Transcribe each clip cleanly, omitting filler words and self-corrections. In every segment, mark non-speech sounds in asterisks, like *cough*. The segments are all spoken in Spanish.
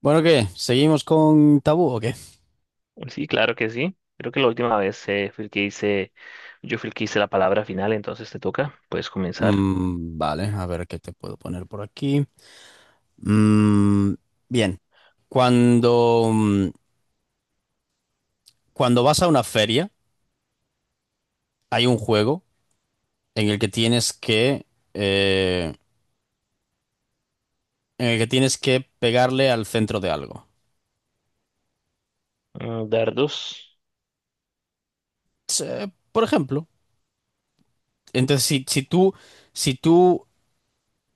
Bueno, ¿qué? ¿Seguimos con tabú o qué? Sí, claro que sí. Creo que la última vez fui el que hice, yo fui el que hice la palabra final, entonces te toca. Puedes comenzar. Vale, a ver qué te puedo poner por aquí. Mm, Bien, cuando, mm, cuando vas a una feria, hay un juego en el que eh, en el que tienes que pegarle al centro de algo. Mm, dardos, Por ejemplo, entonces si tú, si tú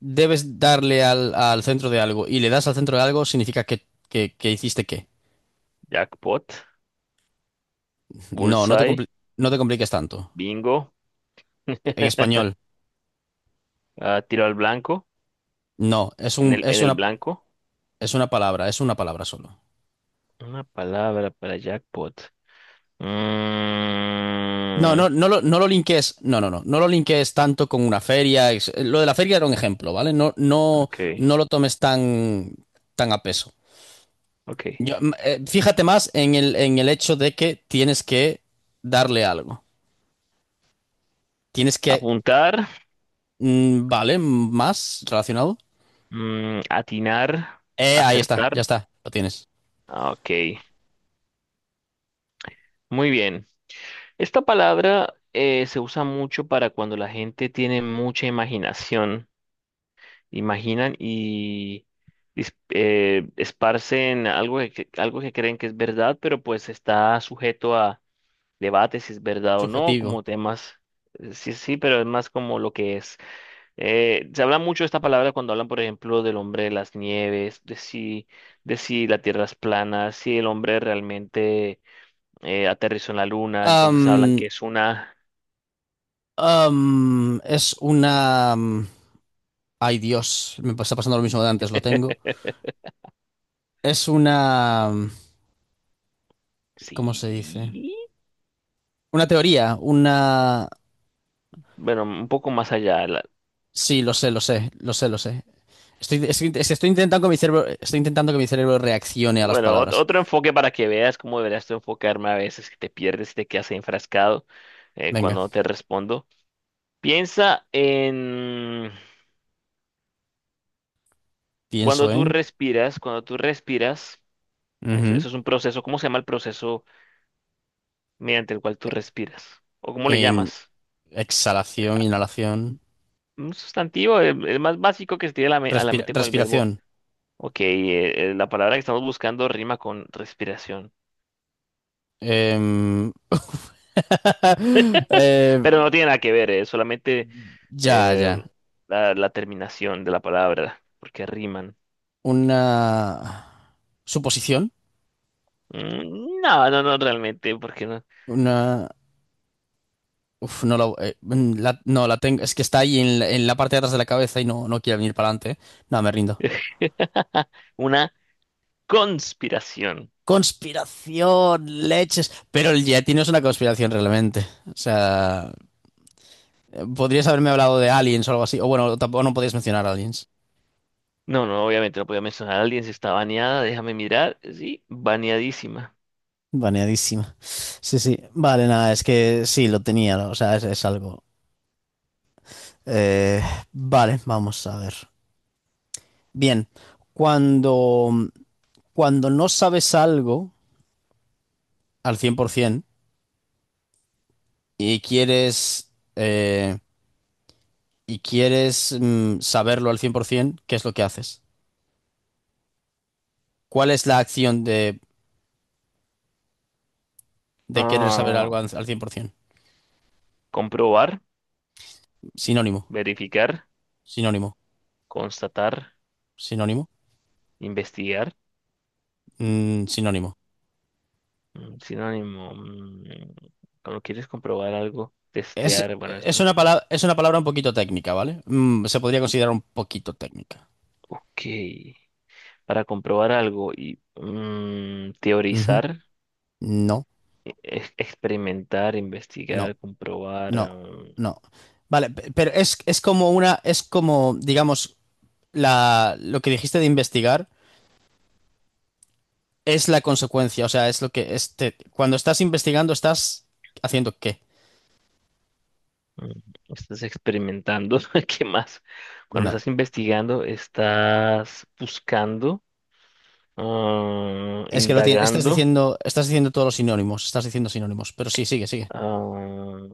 debes darle al centro de algo y le das al centro de algo, significa que hiciste qué. jackpot, No, bullseye, no te compliques tanto. bingo, En español. ah, tiro al blanco, No, es un, en el blanco. Es una palabra solo. Una palabra para jackpot. No, Mm, no, no lo linkees, no, no, no, no lo linkees tanto con una feria. Lo de la feria era un ejemplo, ¿vale? No, no, ok, no lo tomes tan, tan a peso. ok. Yo, fíjate más en en el hecho de que tienes que darle algo. Tienes que, Apuntar, mm, ¿vale? Más relacionado. Atinar, Ahí está, ya acertar. está, lo tienes. Ah, ok, muy bien. Esta palabra se usa mucho para cuando la gente tiene mucha imaginación, imaginan y esparcen algo que, algo que creen que es verdad, pero pues está sujeto a debates si es verdad o no, Subjetivo. como temas, sí, sí, pero es más como lo que es. Se habla mucho de esta palabra cuando hablan, por ejemplo, del hombre de las nieves, de si la tierra es plana, si el hombre realmente aterrizó en la luna, entonces hablan Am, que es una es una... mm, Ay, Dios, me está pasando lo mismo de antes, lo tengo. *laughs* Es una... ¿Cómo se dice? Sí, Una teoría, una... bueno, un poco más allá. Sí, lo sé, lo sé, lo sé, lo sé. Estoy intentando que mi cerebro, estoy intentando que mi cerebro reaccione a las Bueno, palabras. otro enfoque para que veas cómo deberías tú enfocarme a veces, que te pierdes y te quedas enfrascado Venga, cuando te respondo. Piensa en pienso en... cuando tú respiras, eso, Ujú. eso es un proceso. ¿Cómo se llama el proceso mediante el cual tú respiras? ¿O cómo le En llamas? exhalación, inhalación, Un sustantivo, el más básico que se tiene a la, a la mente con el verbo. respiración. Ok, la palabra que estamos buscando rima con respiración. Em, *laughs* eh, Pero no tiene nada que ver, solamente ya, eh, ya. la, la terminación de la palabra, porque riman. Una suposición. Mm, no, no, no, realmente, porque no. Una. Uf, no la tengo. Es que está ahí en en la parte de atrás de la cabeza y no, no quiere venir para adelante. No, me rindo. *laughs* Una conspiración. Conspiración, leches. Pero el Yeti no es una conspiración realmente. O sea, podrías haberme hablado de aliens o algo así. O bueno, tampoco no podías mencionar aliens. No, no, obviamente no podía mencionar a alguien si está baneada, déjame mirar. Sí, baneadísima. Baneadísima. Sí, sí. Vale, nada, es que sí, lo tenía. ¿No? O sea, es algo. Eh, vale, vamos a ver. Bien, cuando, cuando no sabes algo al 100%, y quieres, eh, y quieres saberlo al 100%, ¿qué es lo que haces? ¿Cuál es la acción de querer saber algo al Ah, al 100%? comprobar, Sinónimo, verificar, sinónimo, constatar, sinónimo, investigar. mm, sinónimo. Mm, sinónimo. Cuando quieres comprobar algo, testear, bueno, esto. Es una palabra un poquito técnica, ¿vale? Mm, se podría considerar un poquito técnica. Ok. Para comprobar algo y Ujú. teorizar, No, experimentar, investigar, no, comprobar. no, no. Vale, pero es como una, es como, digamos, la, lo que dijiste de investigar. Es la consecuencia, o sea, es lo que este, cuando estás investigando estás haciendo qué? mm, Estás experimentando, *laughs* ¿qué más? Cuando No, estás investigando, estás buscando, ah, es que lo tienes indagando, estás diciendo todos los sinónimos, estás diciendo sinónimos, pero sí, sigue, sigue, ah,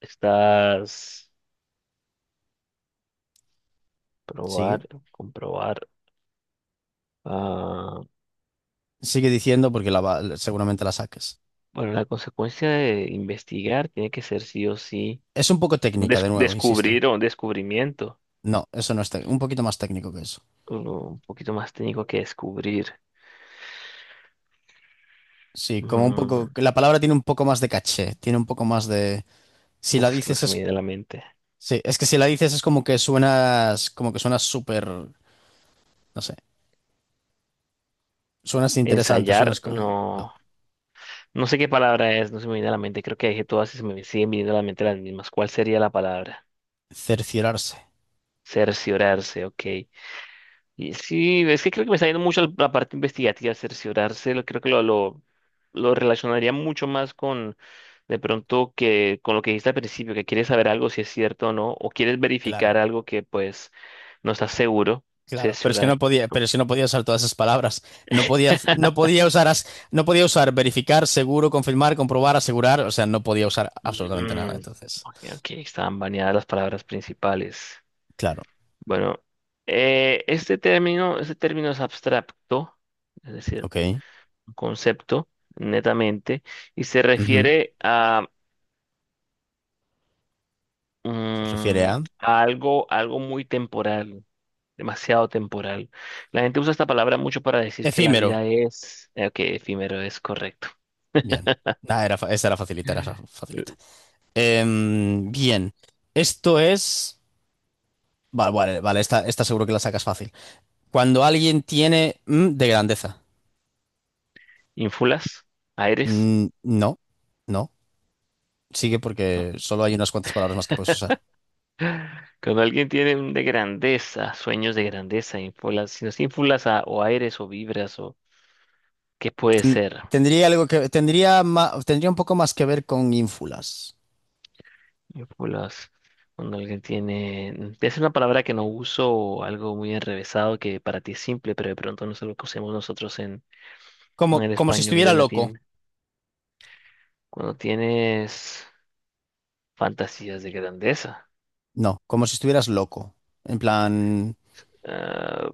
estás sigue, probar, comprobar. Ah, diciendo porque seguramente la saques. bueno, la consecuencia de investigar tiene que ser sí o sí Es un poco un técnica, de nuevo, insisto. descubrir o un descubrimiento. No, eso no es técnico, un poquito más técnico que eso. Uno un poquito más técnico que descubrir. Sí, como un poco, Mm, la palabra tiene un poco más de caché, tiene un poco más de, si la uf, es que no dices se me es, viene a la mente. sí, es que si la dices es como que suenas súper, no sé, suenas interesante, suenas Ensayar, no. como, no. No sé qué palabra es, no se me viene a la mente. Creo que dije todas y se me siguen viniendo a la mente las mismas. ¿Cuál sería la palabra? Cerciorarse, Cerciorarse, ok. Y sí, es que creo que me está yendo mucho la la parte investigativa, cerciorarse, creo que lo relacionaría mucho más con de pronto que con lo que dijiste al principio, que quieres saber algo si es cierto o no, o quieres verificar claro, algo que pues no estás seguro, claro. Pero es que no cerciorar. podía, pero es que no podía usar todas esas palabras. No podía, *laughs* no podía usar verificar, seguro, confirmar, comprobar, asegurar. O sea, no podía usar absolutamente nada. Mm, Entonces, ok, ok, estaban baneadas las palabras principales. claro, Bueno, este término es abstracto, es decir, ok. un concepto netamente, y se Ujú. refiere a Se refiere mm, a algo, algo muy temporal, demasiado temporal. La gente usa esta palabra mucho para decir que la efímero. vida es, que efímero es correcto. Bien. Ah, era, esa era facilita, era facilita. Eh, Em, bien. Esto es. Vale, vale, vale, esta seguro que la sacas fácil. Cuando alguien tiene mm, de grandeza. Ínfulas, aires. Mm, no, no. Sigue porque solo hay unas cuantas palabras más que puedes usar. Cuando alguien tiene un de grandeza, sueños de grandeza, ínfulas, si no es ínfulas o aires o vibras o qué puede Ten- ser, Tendría algo que tendría un poco más que ver con ínfulas. ínfulas. Cuando alguien tiene, es una palabra que no uso o algo muy enrevesado que para ti es simple, pero de pronto no es lo que usemos nosotros Como en el como si español estuviera de loco. latín. Cuando tienes fantasías de grandeza, No, como si estuvieras loco. En plan, ah,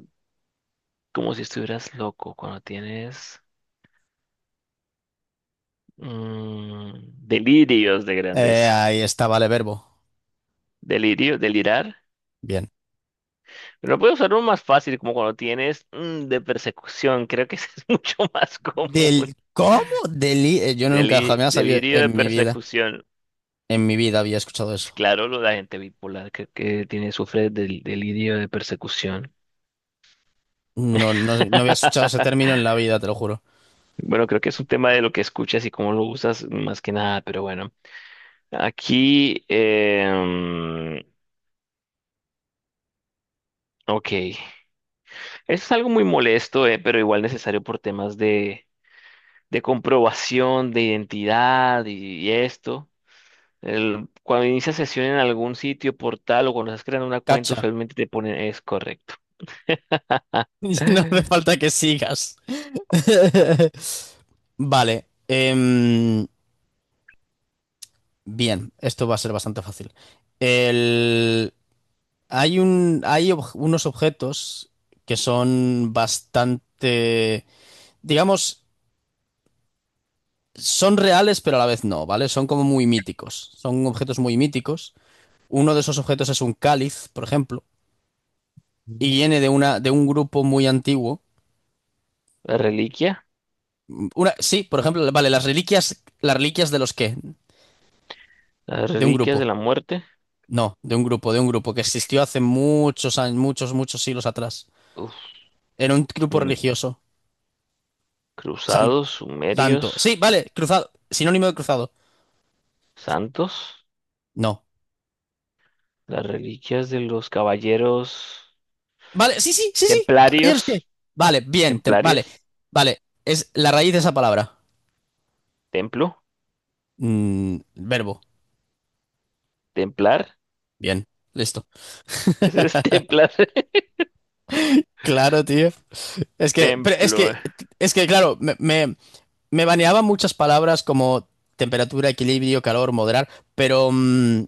como si estuvieras loco. Cuando tienes mm, delirios de grandeza. ahí está, vale, verbo. Delirio, delirar. Bien. Pero puedo usar uno más fácil, como cuando tienes de persecución. Creo que ese es *laughs* mucho más común. Del ¿cómo? Deli yo nunca jamás había Delirio de persecución. en mi vida había escuchado eso. Claro, la gente bipolar que tiene, sufre del delirio de persecución. No, no, no había escuchado ese término en *laughs* la vida, te lo juro. Bueno, creo que es un tema de lo que escuchas y cómo lo usas más que nada, pero bueno. Aquí, ok. Eso es algo muy molesto, pero igual necesario por temas de comprobación, de identidad y esto. Cuando inicias sesión en algún sitio, portal o cuando estás creando una cuenta, Cacha. usualmente te ponen es correcto. *laughs* No hace falta que sigas. *laughs* Vale. Bien, esto va a ser bastante fácil. El- Hay un... Hay unos objetos que son bastante, digamos, son reales, pero a la vez no, ¿vale? Son como muy míticos. Son objetos muy míticos. Uno de esos objetos es un cáliz, por ejemplo, y *laughs* viene de una, de un grupo muy antiguo. La reliquia, Una, sí, por ejemplo, vale, las reliquias de los qué, las de un reliquias grupo. de la muerte, No, de un grupo que existió hace muchos años, muchos, muchos siglos atrás. uf, Era un grupo mm, religioso. San- cruzados, santo. sumerios, Sí, vale, cruzado. Sinónimo de cruzado. santos, No. las reliquias de los caballeros Vale, sí, sí, sí, sí. Caballeros que. templarios, Vale, vale. templarios. Vale, es la raíz de esa palabra. ¿Templo? Mm, verbo. ¿Templar? Bien, listo. Ese es *laughs* templar. Claro, tío. Es que, pero Templo. Eh. es que, claro, me baneaba muchas palabras como temperatura, equilibrio, calor, moderar, pero mm,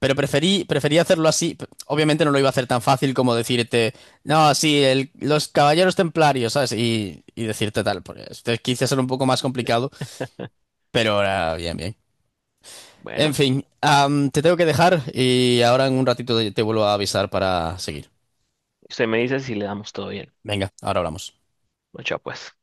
pero preferí, preferí hacerlo así. Obviamente no lo iba a hacer tan fácil como decirte, no, sí, los caballeros templarios, ¿sabes? Y decirte tal. Porque este quise hacer un poco más complicado, pero ahora bien, bien. En Bueno, fin, am, te tengo que dejar y ahora en un ratito te vuelvo a avisar para seguir. usted me dice si le damos todo bien. Venga, ahora hablamos. Mucha pues.